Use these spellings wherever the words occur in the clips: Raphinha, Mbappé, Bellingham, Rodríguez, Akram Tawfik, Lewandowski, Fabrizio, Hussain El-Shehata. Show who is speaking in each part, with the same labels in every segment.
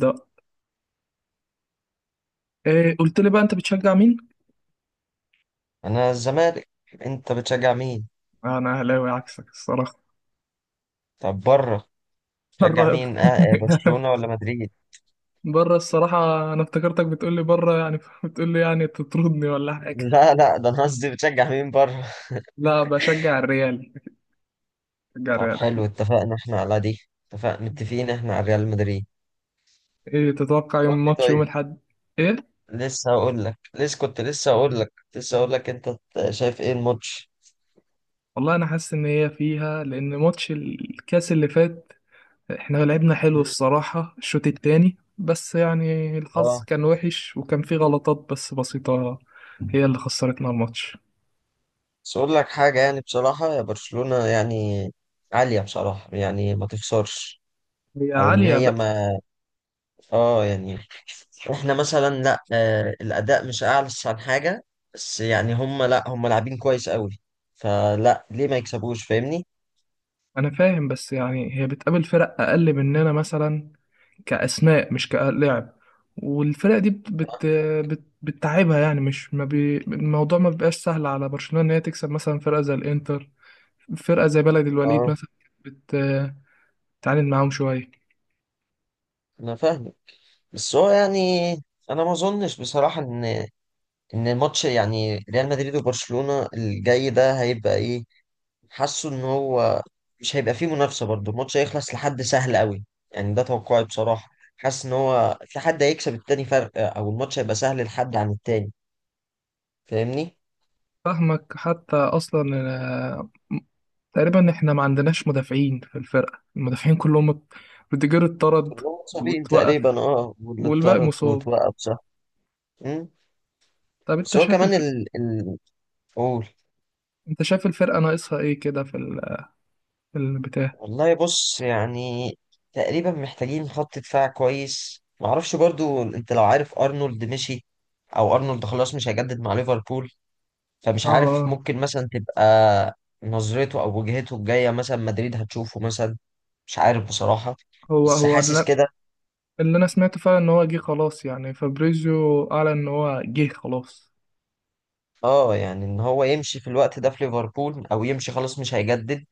Speaker 1: ده. إيه قلت لي بقى انت بتشجع مين؟
Speaker 2: انا الزمالك. انت بتشجع مين؟
Speaker 1: انا اهلاوي عكسك الصراحه.
Speaker 2: طب بره،
Speaker 1: بره
Speaker 2: بتشجع مين؟ برشلونة ولا مدريد؟
Speaker 1: بره الصراحه. انا افتكرتك بتقول لي بره يعني، بتقول لي يعني تطردني ولا حاجه.
Speaker 2: لا، لا، ده انا قصدي بتشجع مين بره.
Speaker 1: لا بشجع الريال، بشجع
Speaker 2: طب
Speaker 1: الريال
Speaker 2: حلو،
Speaker 1: اكيد.
Speaker 2: اتفقنا احنا على دي. اتفقنا، متفقين احنا على ريال مدريد.
Speaker 1: ايه تتوقع
Speaker 2: قول
Speaker 1: يوم
Speaker 2: لي،
Speaker 1: ماتش يوم
Speaker 2: طيب.
Speaker 1: الاحد؟ ايه؟
Speaker 2: لسه هقول لك لسه كنت لسه هقول لك لسه هقول لك انت، شايف ايه الماتش؟
Speaker 1: والله انا حاسس ان هي فيها، لان ماتش الكاس اللي فات احنا لعبنا حلو
Speaker 2: مم.
Speaker 1: الصراحه الشوط التاني، بس يعني الحظ
Speaker 2: اه.
Speaker 1: كان وحش وكان فيه غلطات بس بسيطه، هي اللي خسرتنا الماتش.
Speaker 2: بس اقول لك حاجة، يعني بصراحة يا برشلونة، يعني عالية بصراحة، يعني ما تخسرش.
Speaker 1: هي
Speaker 2: او ان
Speaker 1: عالية.
Speaker 2: هي ما اه يعني احنا مثلا، لا، الاداء مش اعلى عن حاجه. بس يعني هم، لا، هم لاعبين كويس قوي. فلا ليه ما يكسبوش؟ فاهمني؟
Speaker 1: انا فاهم بس يعني هي بتقابل فرق اقل مننا مثلا، كاسماء مش كلاعب. والفرق دي بت بت بت بتتعبها يعني، مش ما بي الموضوع، ما بيبقاش سهل على برشلونة ان هي تكسب مثلا فرقة زي الانتر، فرقة زي بلد الوليد
Speaker 2: اه،
Speaker 1: مثلا. بت بتتعاند معاهم شوية.
Speaker 2: انا فاهم. بس هو يعني، انا ما اظنش بصراحه ان الماتش، يعني ريال مدريد وبرشلونه الجاي ده، هيبقى ايه. حاسه ان هو مش هيبقى فيه منافسه برضه، الماتش هيخلص لحد سهل قوي، يعني ده توقعي بصراحه. حاسس ان هو في حد هيكسب التاني فرق، او الماتش هيبقى سهل لحد عن التاني. فاهمني؟
Speaker 1: فاهمك حتى اصلا. آه، تقريبا احنا ما عندناش مدافعين في الفرقة، المدافعين كلهم روديجير اتطرد،
Speaker 2: كلهم مصابين تقريبا،
Speaker 1: واتوقف،
Speaker 2: اه، واللي
Speaker 1: والباقي
Speaker 2: اتطرد
Speaker 1: مصاب.
Speaker 2: واتوقف، صح. مم.
Speaker 1: طب انت
Speaker 2: بس هو
Speaker 1: شايف،
Speaker 2: كمان ال ال قول.
Speaker 1: انت شايف الفرقة ناقصها ايه كده في في البتاع؟
Speaker 2: والله بص، يعني تقريبا محتاجين خط دفاع كويس. معرفش برضو، انت لو عارف، ارنولد مشي، او ارنولد خلاص مش هيجدد مع ليفربول. فمش
Speaker 1: اه
Speaker 2: عارف،
Speaker 1: اه.
Speaker 2: ممكن مثلا تبقى نظرته او وجهته الجاية مثلا مدريد هتشوفه مثلا، مش عارف بصراحة،
Speaker 1: هو
Speaker 2: بس
Speaker 1: هو
Speaker 2: حاسس
Speaker 1: اللي,
Speaker 2: كده.
Speaker 1: اللي انا سمعته فعلا ان هو جه خلاص، يعني فابريزيو اعلن ان هو جه خلاص.
Speaker 2: اه يعني ان هو يمشي في الوقت ده في ليفربول، او يمشي خلاص مش هيجدد،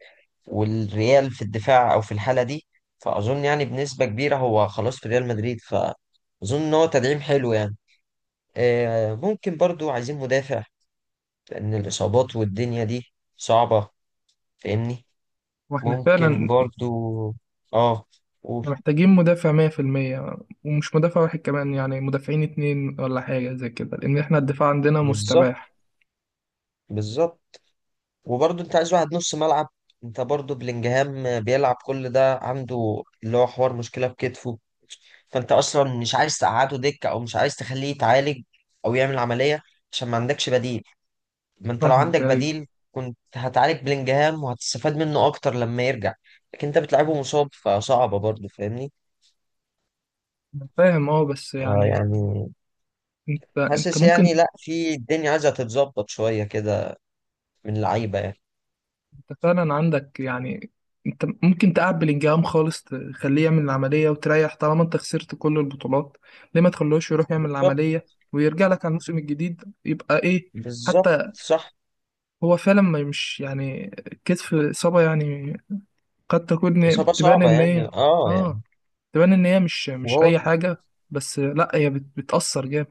Speaker 2: والريال في الدفاع او في الحاله دي. فاظن يعني بنسبه كبيره هو خلاص في ريال مدريد، فاظن ان هو تدعيم حلو يعني. ممكن برضو عايزين مدافع، لان الاصابات والدنيا دي صعبه. فاهمني؟
Speaker 1: واحنا
Speaker 2: ممكن
Speaker 1: فعلا
Speaker 2: برضو. اه قول.
Speaker 1: محتاجين مدافع 100%، ومش مدافع واحد كمان، يعني مدافعين اتنين ولا حاجة زي كده، لان احنا الدفاع عندنا
Speaker 2: بالظبط،
Speaker 1: مستباح.
Speaker 2: بالظبط. وبرضو انت عايز واحد نص ملعب. انت برضو بلينجهام بيلعب كل ده، عنده اللي هو حوار مشكله بكتفه. فانت اصلا مش عايز تقعده دكه، او مش عايز تخليه يتعالج او يعمل عمليه، عشان ما عندكش بديل. ما انت لو
Speaker 1: فاهمك
Speaker 2: عندك
Speaker 1: ايوه.
Speaker 2: بديل، كنت هتعالج بلينجهام وهتستفاد منه اكتر لما يرجع. لكن انت بتلعبه مصاب، فصعبه برضه. فاهمني؟
Speaker 1: فاهم اه بس يعني
Speaker 2: يعني
Speaker 1: انت
Speaker 2: حاسس يعني،
Speaker 1: ممكن،
Speaker 2: لا، في الدنيا عايزه تتظبط شويه كده من اللعيبه يعني.
Speaker 1: انت فعلا عندك يعني، انت ممكن تقعد بلينجهام خالص، تخليه يعمل العملية وتريح طالما انت خسرت كل البطولات. ليه ما تخلوش يروح يعمل
Speaker 2: بالظبط،
Speaker 1: العملية ويرجع لك على الموسم الجديد يبقى ايه؟
Speaker 2: بالظبط
Speaker 1: حتى
Speaker 2: صح.
Speaker 1: هو فعلا ما مش يعني كتف الإصابة يعني قد تكون
Speaker 2: اصابه
Speaker 1: تبان
Speaker 2: صعبه
Speaker 1: ان
Speaker 2: يعني،
Speaker 1: هي، اه،
Speaker 2: يعني
Speaker 1: تبان ان هي مش
Speaker 2: وهو
Speaker 1: اي حاجة. بس لا هي بتأثر جامد.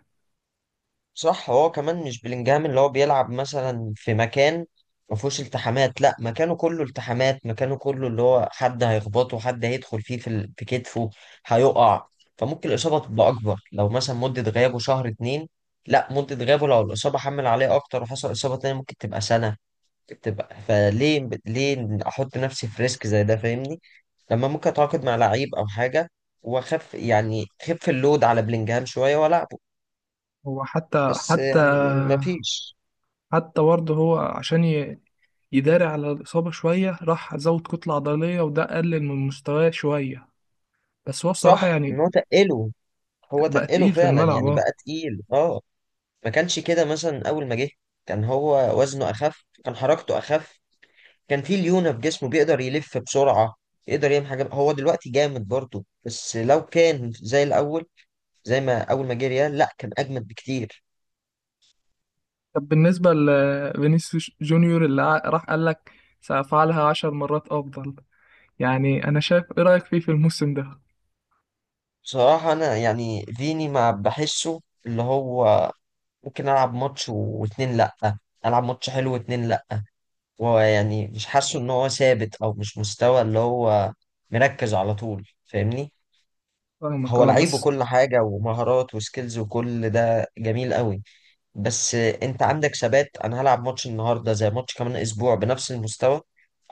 Speaker 2: صح. هو كمان مش بلينجهام اللي هو بيلعب مثلا في مكان ما فيهوش التحامات، لا مكانه كله التحامات، مكانه كله اللي هو حد هيخبطه، حد هيدخل فيه في في كتفه، هيقع. فممكن الإصابة تبقى أكبر، لو مثلا مدة غيابه شهر اتنين. لا، مدة غيابه لو الإصابة حمل عليه أكتر وحصل إصابة تانية، ممكن تبقى سنة. تبقى فليه أحط نفسي في ريسك زي ده؟ فاهمني؟ لما ممكن أتعاقد مع لعيب أو حاجة وأخف، يعني خف اللود على بلينجهام شوية ولا.
Speaker 1: هو
Speaker 2: بس يعني مفيش.
Speaker 1: حتى برضه هو عشان يداري على الإصابة شوية، راح زود كتلة عضلية وده قلل من مستواه شوية. بس هو بصراحة
Speaker 2: صح، ان
Speaker 1: يعني
Speaker 2: هو تقله، هو
Speaker 1: بقى
Speaker 2: تقله
Speaker 1: تقيل في
Speaker 2: فعلا،
Speaker 1: الملعب
Speaker 2: يعني
Speaker 1: اه.
Speaker 2: بقى تقيل اه. ما كانش كده مثلا اول ما جه، كان هو وزنه اخف، كان حركته اخف، كان فيه ليونة في جسمه، بيقدر يلف بسرعة، يقدر يعمل حاجة. هو دلوقتي جامد برضه، بس لو كان زي الاول، زي ما اول ما جه ريال، لا كان اجمد بكتير.
Speaker 1: طب بالنسبة لفينيسيوس جونيور اللي راح قال لك سأفعلها 10 مرات أفضل، يعني أنا شايف إيه رأيك فيه في الموسم ده؟
Speaker 2: بصراحة انا يعني فيني ما بحسه اللي هو ممكن العب ماتش واتنين لا، العب ماتش حلو واتنين لا. ويعني مش حاسه ان هو ثابت، او مش مستوى اللي هو مركز على طول. فاهمني؟
Speaker 1: فاهمك
Speaker 2: هو
Speaker 1: اه
Speaker 2: لعيب
Speaker 1: بس.
Speaker 2: وكل حاجة، ومهارات وسكيلز وكل ده جميل قوي، بس انت عندك ثبات. انا هلعب ماتش النهاردة زي ماتش كمان اسبوع بنفس المستوى،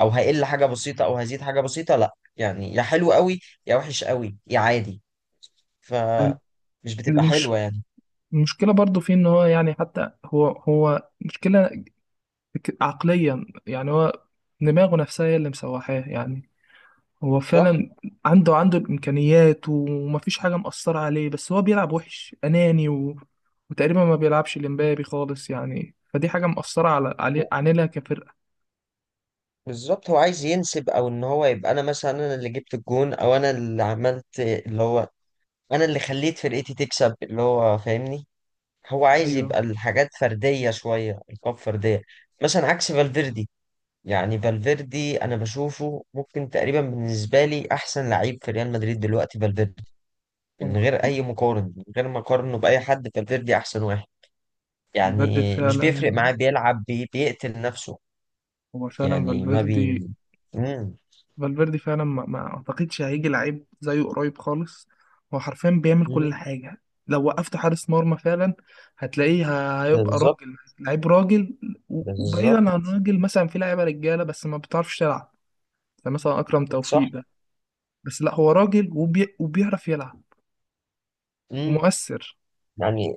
Speaker 2: او هقل حاجة بسيطة او هزيد حاجة بسيطة، لا يعني، يا حلو قوي يا وحش قوي يا عادي. ف مش بتبقى
Speaker 1: المش...
Speaker 2: حلوة يعني.
Speaker 1: المشكلة برضه فيه إن هو يعني حتى هو مشكلة عقليا يعني هو دماغه نفسها هي اللي مسوحاه يعني. هو
Speaker 2: صح.
Speaker 1: فعلا عنده الامكانيات ومفيش حاجه مأثره عليه، بس هو بيلعب وحش اناني و... وتقريبا ما بيلعبش لمبابي خالص، يعني فدي حاجه مأثره علينا كفرقه.
Speaker 2: بالظبط. هو عايز ينسب، او ان هو يبقى انا مثلا، انا اللي جبت الجون، او انا اللي عملت اللي هو، انا اللي خليت فرقتي تكسب اللي هو. فاهمني؟ هو عايز
Speaker 1: ايوه.
Speaker 2: يبقى الحاجات فرديه شويه، القاب فرديه. مثلا عكس فالفيردي، يعني فالفيردي انا بشوفه ممكن تقريبا بالنسبه لي احسن لعيب في ريال مدريد دلوقتي فالفيردي.
Speaker 1: هو
Speaker 2: من غير
Speaker 1: فال-
Speaker 2: اي مقارن، من غير ما اقارنه باي حد، فالفيردي احسن واحد.
Speaker 1: فالفيردي
Speaker 2: يعني مش
Speaker 1: فعلا،
Speaker 2: بيفرق معاه، بيلعب بيقتل نفسه.
Speaker 1: هو فعلا
Speaker 2: يعني ما بي
Speaker 1: فالفيردي،
Speaker 2: مم.
Speaker 1: فالفيردي فعلا ما اعتقدش هيجي لعيب زيه قريب خالص. هو حرفيا بيعمل كل
Speaker 2: مم.
Speaker 1: حاجه، لو وقفت حارس مرمى فعلا هتلاقيه، هيبقى
Speaker 2: بالظبط،
Speaker 1: راجل لعيب راجل. وبعيدا عن
Speaker 2: بالظبط
Speaker 1: راجل، مثلا في لعيبه رجاله بس ما بتعرفش تلعب، زي مثلا أكرم
Speaker 2: صح.
Speaker 1: توفيق ده. بس لا هو راجل وبيعرف يلعب
Speaker 2: مم.
Speaker 1: ومؤثر.
Speaker 2: يعني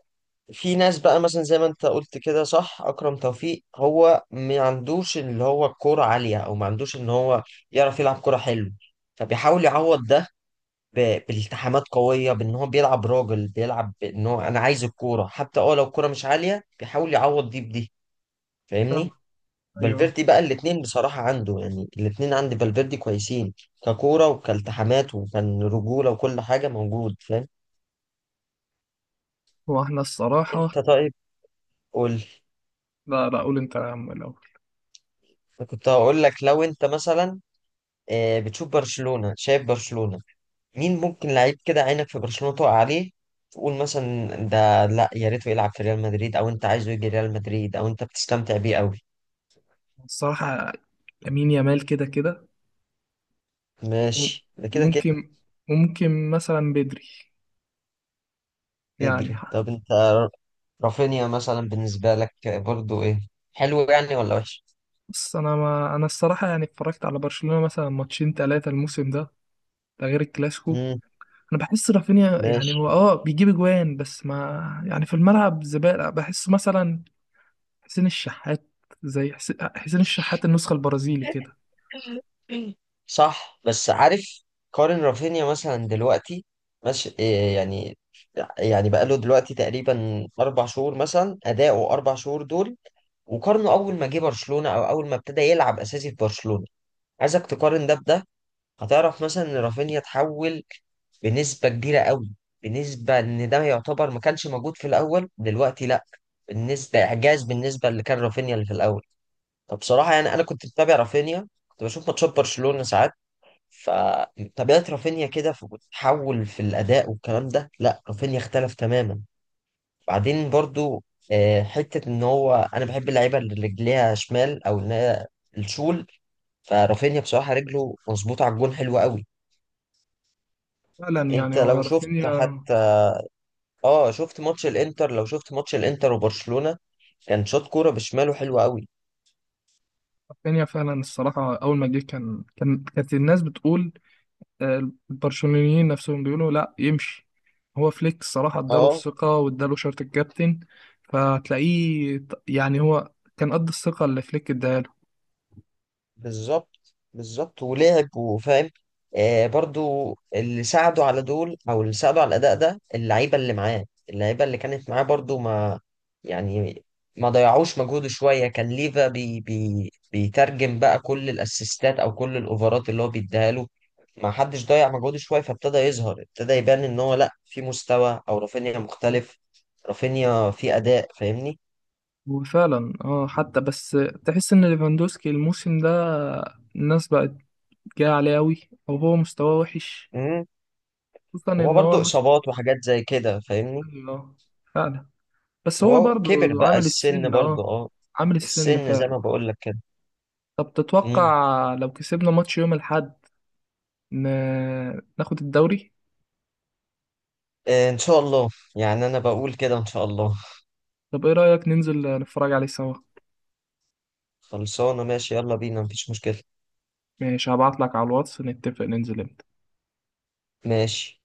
Speaker 2: في ناس بقى مثلا زي ما انت قلت كده، صح، اكرم توفيق هو ما عندوش اللي هو الكوره عاليه، او ما عندوش ان هو يعرف يلعب كوره حلو. فبيحاول يعوض ده بالتحامات قويه، بان هو بيلعب راجل، بيلعب ان هو انا عايز الكوره، حتى اه لو الكوره مش عاليه بيحاول يعوض دي بدي.
Speaker 1: فاهم؟
Speaker 2: فاهمني؟
Speaker 1: أيوه.
Speaker 2: فالفيردي بقى الاتنين بصراحه عنده، يعني الاتنين عند فالفيردي كويسين، ككوره وكالتحامات وكان رجوله وكل حاجه موجود. فاهم؟
Speaker 1: هو احنا الصراحة،
Speaker 2: انت طيب. قول.
Speaker 1: لا لا، قول أنت يا عم الأول.
Speaker 2: كنت هقول لك لو انت مثلا، بتشوف برشلونة، شايف برشلونة، مين ممكن لعيب كده عينك في برشلونة تقع عليه، تقول مثلا ده لا يا ريته يلعب في ريال مدريد، او انت عايزه يجي ريال مدريد، او انت بتستمتع بيه قوي.
Speaker 1: الصراحة لامين يامال، كده كده. وم-
Speaker 2: ماشي، ده كده كده.
Speaker 1: وممكن وممكن مثلا بدري، يعني
Speaker 2: بدري طب انت، رافينيا مثلا بالنسبة لك برضو ايه، حلو يعني ولا وحش؟
Speaker 1: بص أنا ما أنا الصراحة يعني اتفرجت على برشلونة مثلا ماتشين تلاتة الموسم ده، ده غير الكلاسيكو. انا بحس رافينيا
Speaker 2: امم.
Speaker 1: يعني هو اه بيجيب اجوان، بس ما يعني في الملعب زبالة بحسه مثلا، حسين الشحات، زي حسين الشحات النسخة البرازيلي كده.
Speaker 2: صح، بس عارف، كارين رافينيا مثلا دلوقتي ماشي إيه يعني. يعني بقاله دلوقتي تقريبا 4 شهور، مثلا اداؤه 4 شهور دول، وقارنه اول ما جه برشلونه او اول ما ابتدى يلعب اساسي في برشلونه، عايزك تقارن ده بده. هتعرف مثلا ان رافينيا اتحول بنسبه كبيره قوي، بالنسبه ان ده يعتبر ما كانش موجود في الاول، دلوقتي لا. بالنسبه اعجاز، بالنسبه اللي كان رافينيا اللي في الاول. فبصراحه يعني انا كنت بتابع رافينيا، كنت بشوف ماتشات برشلونه ساعات، فطبيعة رافينيا كده بتتحول في الأداء والكلام ده. لا رافينيا اختلف تماما. بعدين برضو حتة إن هو أنا بحب اللعيبة اللي رجليها شمال، أو إن هي الشول. فرافينيا بصراحة رجله مظبوطة على الجون حلوة قوي.
Speaker 1: فعلا يعني
Speaker 2: أنت
Speaker 1: هو
Speaker 2: لو شفت
Speaker 1: رافينيا،
Speaker 2: حتى، شفت ماتش الإنتر، لو شفت ماتش الإنتر وبرشلونة، كان شاط كورة بشماله حلوة قوي.
Speaker 1: رافينيا فعلا الصراحة أول ما جه كانت الناس بتقول، البرشلونيين نفسهم بيقولوا لا يمشي. هو فليك الصراحة اداله
Speaker 2: اه.
Speaker 1: الثقة واداله شارة الكابتن، فتلاقيه يعني هو كان قد الثقة اللي فليك اداها له.
Speaker 2: بالظبط، بالظبط، ولعب وفاهم. برضو اللي ساعدوا على دول، او اللي ساعدوا على الاداء ده، اللعيبه اللي معاه. اللعيبه اللي كانت معاه برضو ما يعني ما ضيعوش مجهوده شويه، كان ليفا بي بي بيترجم بقى كل الاسيستات او كل الاوفرات اللي هو بيديها له. ما حدش ضيع مجهوده شويه، فابتدى يظهر، ابتدى يبان ان هو لا في مستوى، او رافينيا مختلف، رافينيا في اداء. فاهمني؟
Speaker 1: وفعلا اه حتى بس تحس ان ليفاندوسكي الموسم ده الناس بقت جاية عليه أوي، أو هو مستواه وحش،
Speaker 2: امم.
Speaker 1: خصوصا
Speaker 2: هو
Speaker 1: ان هو،
Speaker 2: برضو اصابات وحاجات زي كده. فاهمني؟
Speaker 1: ايوه، فعلا. بس هو
Speaker 2: هو كبر
Speaker 1: برضو
Speaker 2: بقى
Speaker 1: عامل
Speaker 2: السن
Speaker 1: السن
Speaker 2: برضه،
Speaker 1: اه،
Speaker 2: اه.
Speaker 1: عامل السن
Speaker 2: السن زي
Speaker 1: فعلا.
Speaker 2: ما بقول لك كده.
Speaker 1: طب
Speaker 2: مم.
Speaker 1: تتوقع لو كسبنا ماتش يوم الأحد ن... ناخد الدوري؟
Speaker 2: آه، ان شاء الله. يعني انا بقول كده ان شاء الله.
Speaker 1: طب ايه رأيك ننزل نتفرج عليه سوا؟
Speaker 2: خلصانه، ماشي، يلا بينا، مفيش مشكله.
Speaker 1: ماشي هبعتلك على الواتس نتفق ننزل امتى.
Speaker 2: ماشي.